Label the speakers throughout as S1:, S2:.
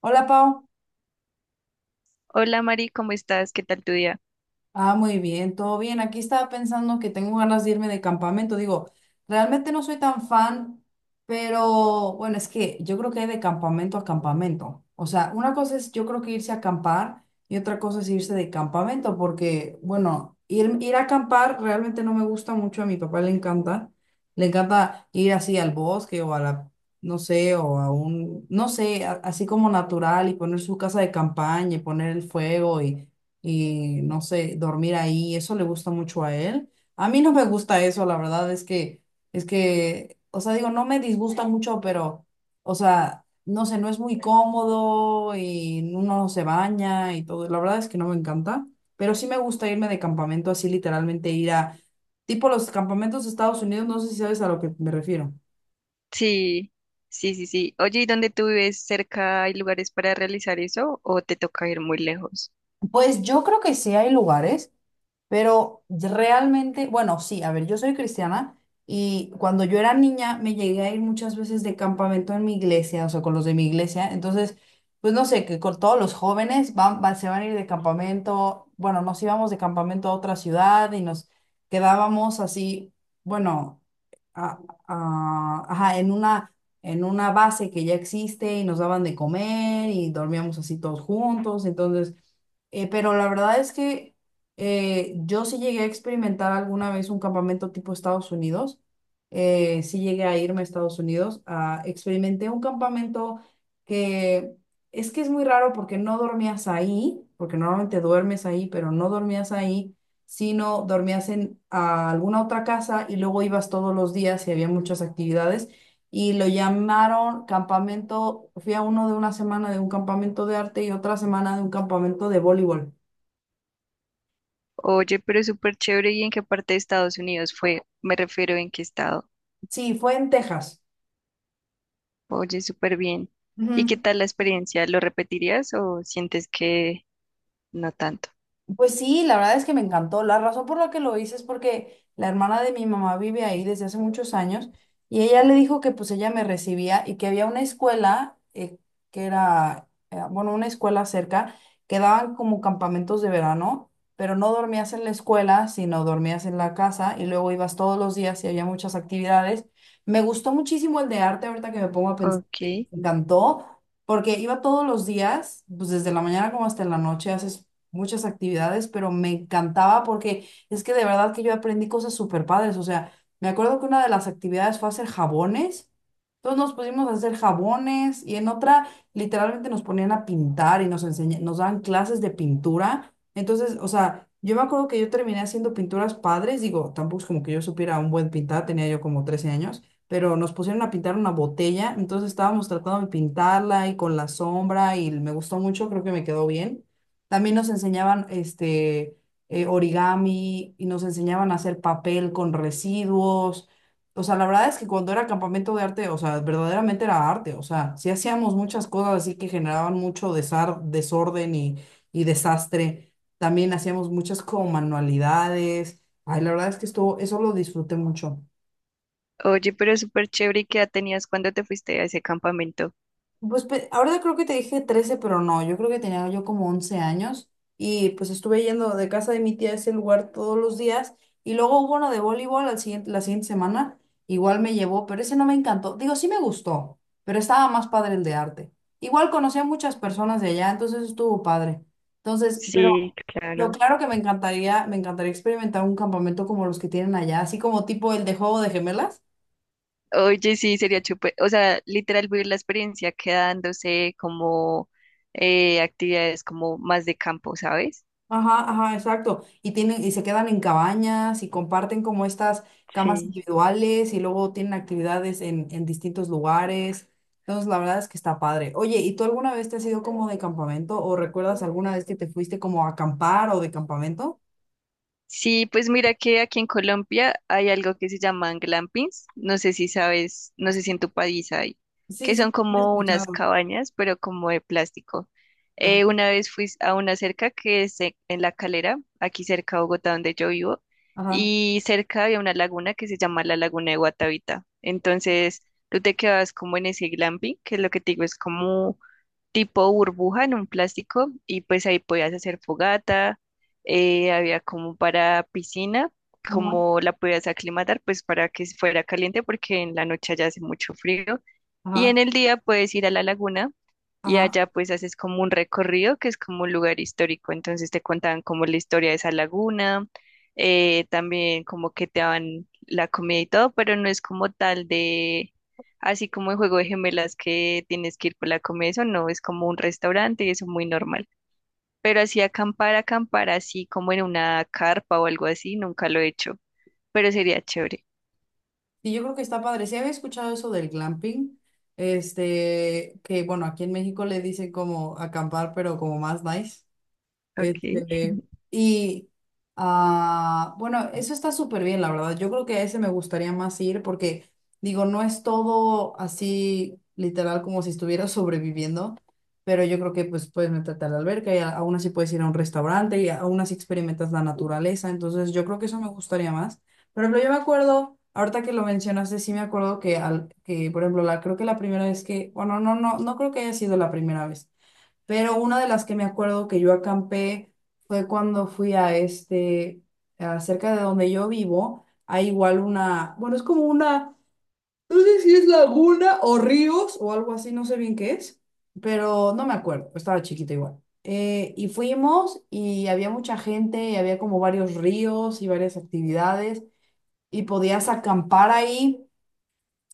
S1: Hola, Pau.
S2: Hola Mari, ¿cómo estás? ¿Qué tal tu día?
S1: Ah, muy bien, todo bien. Aquí estaba pensando que tengo ganas de irme de campamento. Digo, realmente no soy tan fan, pero bueno, es que yo creo que hay de campamento a campamento. O sea, una cosa es yo creo que irse a acampar y otra cosa es irse de campamento, porque bueno, ir a acampar realmente no me gusta mucho. A mi papá le encanta. Le encanta ir así al bosque o a la, no sé, o a un, no sé, así como natural y poner su casa de campaña y poner el fuego y no sé, dormir ahí, eso le gusta mucho a él. A mí no me gusta eso, la verdad es que, o sea, digo, no me disgusta mucho, pero, o sea, no sé, no es muy cómodo y uno no se baña y todo. La verdad es que no me encanta, pero sí me gusta irme de campamento así, literalmente ir a, tipo los campamentos de Estados Unidos, no sé si sabes a lo que me refiero.
S2: Sí, sí, sí, sí. Oye, ¿y dónde tú vives? ¿Cerca hay lugares para realizar eso o te toca ir muy lejos?
S1: Pues yo creo que sí hay lugares. Pero realmente, bueno, sí, a ver, yo soy cristiana y cuando yo era niña me llegué a ir muchas veces de campamento en mi iglesia, o sea, con los de mi iglesia. Entonces, pues no sé, que con todos los jóvenes van, se van a ir de campamento. Bueno, nos íbamos de campamento a otra ciudad y nos quedábamos así, bueno, a- ajá, en una base que ya existe y nos daban de comer y dormíamos así todos juntos. Entonces, pero la verdad es que yo sí llegué a experimentar alguna vez un campamento tipo Estados Unidos. Sí llegué a irme a Estados Unidos. Experimenté un campamento que que es muy raro porque no dormías ahí, porque normalmente duermes ahí, pero no dormías ahí, sino dormías en alguna otra casa y luego ibas todos los días y había muchas actividades. Y lo llamaron campamento, fui a uno de una semana de un campamento de arte y otra semana de un campamento de voleibol.
S2: Oye, pero súper chévere. ¿Y en qué parte de Estados Unidos fue? Me refiero en qué estado.
S1: Sí, fue en Texas.
S2: Oye, súper bien. ¿Y qué
S1: Ujú.
S2: tal la experiencia? ¿Lo repetirías o sientes que no tanto?
S1: Pues sí, la verdad es que me encantó. La razón por la que lo hice es porque la hermana de mi mamá vive ahí desde hace muchos años y ella le dijo que pues ella me recibía y que había una escuela que era, bueno, una escuela cerca que daban como campamentos de verano, pero no dormías en la escuela, sino dormías en la casa y luego ibas todos los días y había muchas actividades. Me gustó muchísimo el de arte, ahorita que me pongo a pensar,
S2: Ok.
S1: me encantó porque iba todos los días, pues desde la mañana como hasta la noche, haces muchas actividades, pero me encantaba porque es que de verdad que yo aprendí cosas súper padres. O sea, me acuerdo que una de las actividades fue hacer jabones. Entonces nos pusimos a hacer jabones y en otra literalmente nos ponían a pintar y nos daban clases de pintura. Entonces, o sea, yo me acuerdo que yo terminé haciendo pinturas padres. Digo, tampoco es como que yo supiera un buen pintar, tenía yo como 13 años. Pero nos pusieron a pintar una botella, entonces estábamos tratando de pintarla y con la sombra y me gustó mucho, creo que me quedó bien. También nos enseñaban origami y nos enseñaban a hacer papel con residuos. O sea, la verdad es que cuando era campamento de arte, o sea, verdaderamente era arte. O sea, sí hacíamos muchas cosas así que generaban mucho desorden y, desastre. También hacíamos muchas como manualidades. Ay, la verdad es que eso lo disfruté mucho.
S2: Oye, pero súper chévere. ¿Y qué edad tenías cuando te fuiste a ese campamento?
S1: Ahora creo que te dije 13 pero no, yo creo que tenía yo como 11 años y pues estuve yendo de casa de mi tía a ese lugar todos los días y luego hubo uno de voleibol la siguiente semana, igual me llevó, pero ese no me encantó, digo, sí me gustó, pero estaba más padre el de arte. Igual conocí a muchas personas de allá, entonces estuvo padre. Entonces,
S2: Sí,
S1: pero lo
S2: claro.
S1: claro que me encantaría experimentar un campamento como los que tienen allá, así como tipo el de Juego de Gemelas.
S2: Oye, sí, sería chupe. O sea, literal vivir la experiencia quedándose como actividades como más de campo, ¿sabes?
S1: Ajá, ajá, exacto. Y tienen, y se quedan en cabañas y comparten como estas camas
S2: Sí.
S1: individuales y luego tienen actividades en distintos lugares. Entonces, la verdad es que está padre. Oye, ¿y tú alguna vez te has ido como de campamento o recuerdas alguna vez que te fuiste como a acampar o de campamento?
S2: Sí, pues mira que aquí en Colombia hay algo que se llaman glampings. No sé si sabes, no sé si en tu país hay,
S1: Sí,
S2: que
S1: sí,
S2: son
S1: lo he
S2: como unas
S1: escuchado.
S2: cabañas, pero como de plástico.
S1: Ajá,
S2: Una vez fui a una cerca que es e- en La Calera, aquí cerca de Bogotá, donde yo vivo,
S1: ajá,
S2: y cerca había una laguna que se llama la Laguna de Guatavita. Entonces, tú te quedas como en ese glamping, que es lo que te digo, es como tipo burbuja en un plástico y pues ahí podías hacer fogata, había como para piscina,
S1: ajá,
S2: como la podías aclimatar pues para que fuera caliente porque en la noche allá hace mucho frío y en
S1: ajá,
S2: el día puedes ir a la laguna y
S1: ajá.
S2: allá pues haces como un recorrido que es como un lugar histórico, entonces te contaban como la historia de esa laguna, también como que te daban la comida y todo, pero no es como tal de así como el juego de gemelas que tienes que ir por la comida, eso no, es como un restaurante y eso es muy normal. Pero así acampar así como en una carpa o algo así, nunca lo he hecho, pero sería chévere.
S1: Y yo creo que está padre. Sí había escuchado eso del glamping, que bueno, aquí en México le dicen como acampar, pero como más nice.
S2: Ok.
S1: Este, y bueno, eso está súper bien, la verdad. Yo creo que a ese me gustaría más ir porque, digo, no es todo así literal como si estuviera sobreviviendo, pero yo creo que pues puedes meterte a la alberca y aún así puedes ir a un restaurante y aún así experimentas la naturaleza. Entonces, yo creo que eso me gustaría más. Por ejemplo, yo me acuerdo, ahorita que lo mencionaste, sí me acuerdo que, que por ejemplo, la, creo que la primera vez que, bueno, no, no, no creo que haya sido la primera vez. Pero una de las que me acuerdo que yo acampé fue cuando fui a cerca de donde yo vivo, hay igual una, bueno, es como una, no sé si es laguna o ríos o algo así, no sé bien qué es, pero no me acuerdo, estaba chiquita igual. Y fuimos y había mucha gente y había como varios ríos y varias actividades y podías acampar ahí.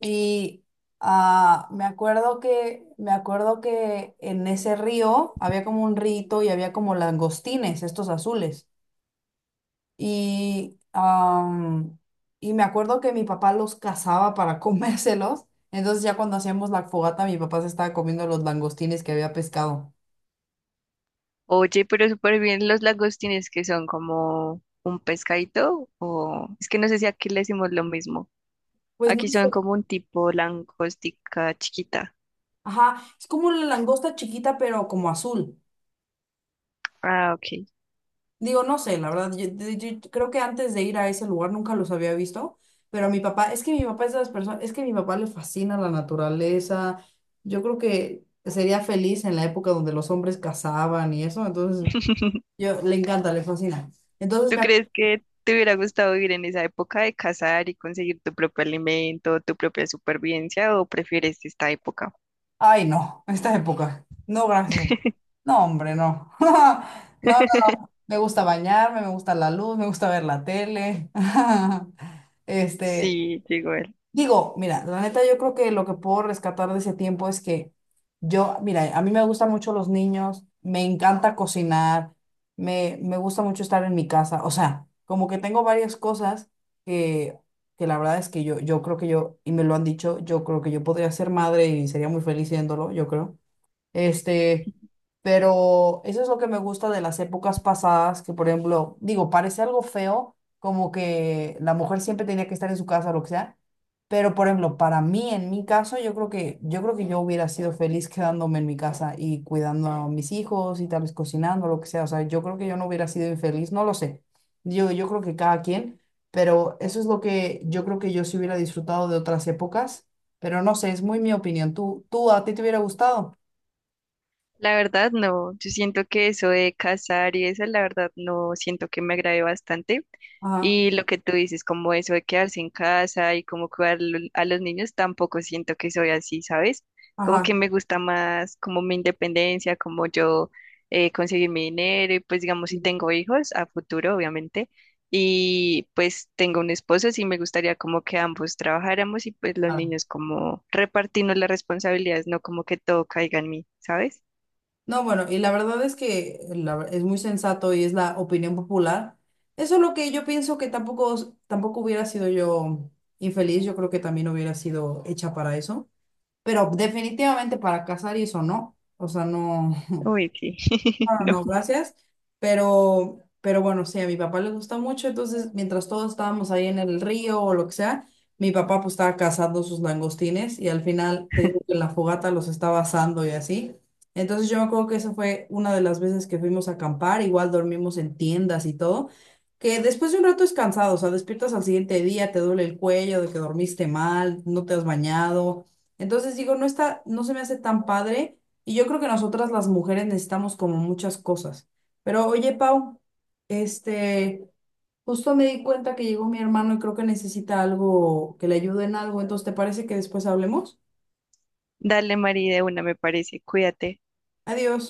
S1: Y me acuerdo que en ese río había como un rito y había como langostines, estos azules. Y, am, y me acuerdo que mi papá los cazaba para comérselos. Entonces ya cuando hacíamos la fogata, mi papá se estaba comiendo los langostines que había pescado.
S2: Oye, pero súper bien los lagostines que son como un pescadito o es que no sé si aquí le decimos lo mismo.
S1: Pues no
S2: Aquí son
S1: sé.
S2: como un tipo langostica chiquita.
S1: Ajá, es como la langosta chiquita, pero como azul.
S2: Ah, ok.
S1: Digo, no sé, la verdad, yo creo que antes de ir a ese lugar nunca los había visto, pero a mi papá, es que mi papá es de las personas, es que mi papá le fascina la naturaleza, yo creo que sería feliz en la época donde los hombres cazaban y eso, entonces yo le encanta, le fascina. Entonces
S2: ¿Tú
S1: me... ac-
S2: crees que te hubiera gustado vivir en esa época de cazar y conseguir tu propio alimento, tu propia supervivencia, o prefieres esta época?
S1: Ay, no, esta época, no, gracias. No, hombre, no. No, no, me gusta bañarme, me gusta la luz, me gusta ver la tele. Este...
S2: Sí, llegó él.
S1: Digo, mira, la neta yo creo que lo que puedo rescatar de ese tiempo es que yo, mira, a mí me gustan mucho los niños, me encanta cocinar, me gusta mucho estar en mi casa, o sea, como que tengo varias cosas que, que la verdad es que yo creo que yo, y me lo han dicho, yo creo que yo podría ser madre y sería muy feliz siéndolo, yo creo. Este, pero eso es lo que me gusta de las épocas pasadas, que por ejemplo, digo, parece algo feo, como que la mujer siempre tenía que estar en su casa o lo que sea, pero por ejemplo, para mí, en mi caso, yo creo que yo hubiera sido feliz quedándome en mi casa y cuidando a mis hijos y tal vez cocinando, lo que sea, o sea, yo creo que yo no hubiera sido infeliz, no lo sé. Yo creo que cada quien, pero eso es lo que yo creo que yo sí hubiera disfrutado de otras épocas, pero no sé, es muy mi opinión. ¿Tú a ti te hubiera gustado?
S2: La verdad, no. Yo siento que eso de cazar y eso, la verdad, no siento que me agrade bastante.
S1: Ajá,
S2: Y lo que tú dices, como eso de quedarse en casa y como cuidar lo- a los niños, tampoco siento que soy así, ¿sabes? Como
S1: ajá,
S2: que me gusta más como mi independencia, como yo conseguir mi dinero y pues digamos si
S1: sí,
S2: tengo hijos a futuro, obviamente, y pues tengo un esposo, sí me gustaría como que ambos trabajáramos y pues los
S1: claro.
S2: niños como repartirnos las responsabilidades, no como que todo caiga en mí, ¿sabes?
S1: No, bueno, y la verdad es que es muy sensato y es la opinión popular. Eso es lo que yo pienso que tampoco hubiera sido yo infeliz, yo creo que también hubiera sido hecha para eso, pero definitivamente para casar y eso no, o sea, no,
S2: Uy, sí.
S1: no, no,
S2: No.
S1: no, gracias. Pero bueno, sí, a mi papá le gusta mucho. Entonces, mientras todos estábamos ahí en el río o lo que sea, mi papá pues estaba cazando sus langostines y al final te digo que en la fogata los estaba asando y así. Entonces yo me acuerdo que esa fue una de las veces que fuimos a acampar. Igual dormimos en tiendas y todo. Que después de un rato es cansado, o sea, despiertas al siguiente día, te duele el cuello de que dormiste mal, no te has bañado. Entonces digo, no está, no se me hace tan padre y yo creo que nosotras las mujeres necesitamos como muchas cosas. Pero oye, Pau, este, justo me di cuenta que llegó mi hermano y creo que necesita algo que le ayude en algo. Entonces, ¿te parece que después hablemos?
S2: Dale, María, de una, me parece. Cuídate.
S1: Adiós.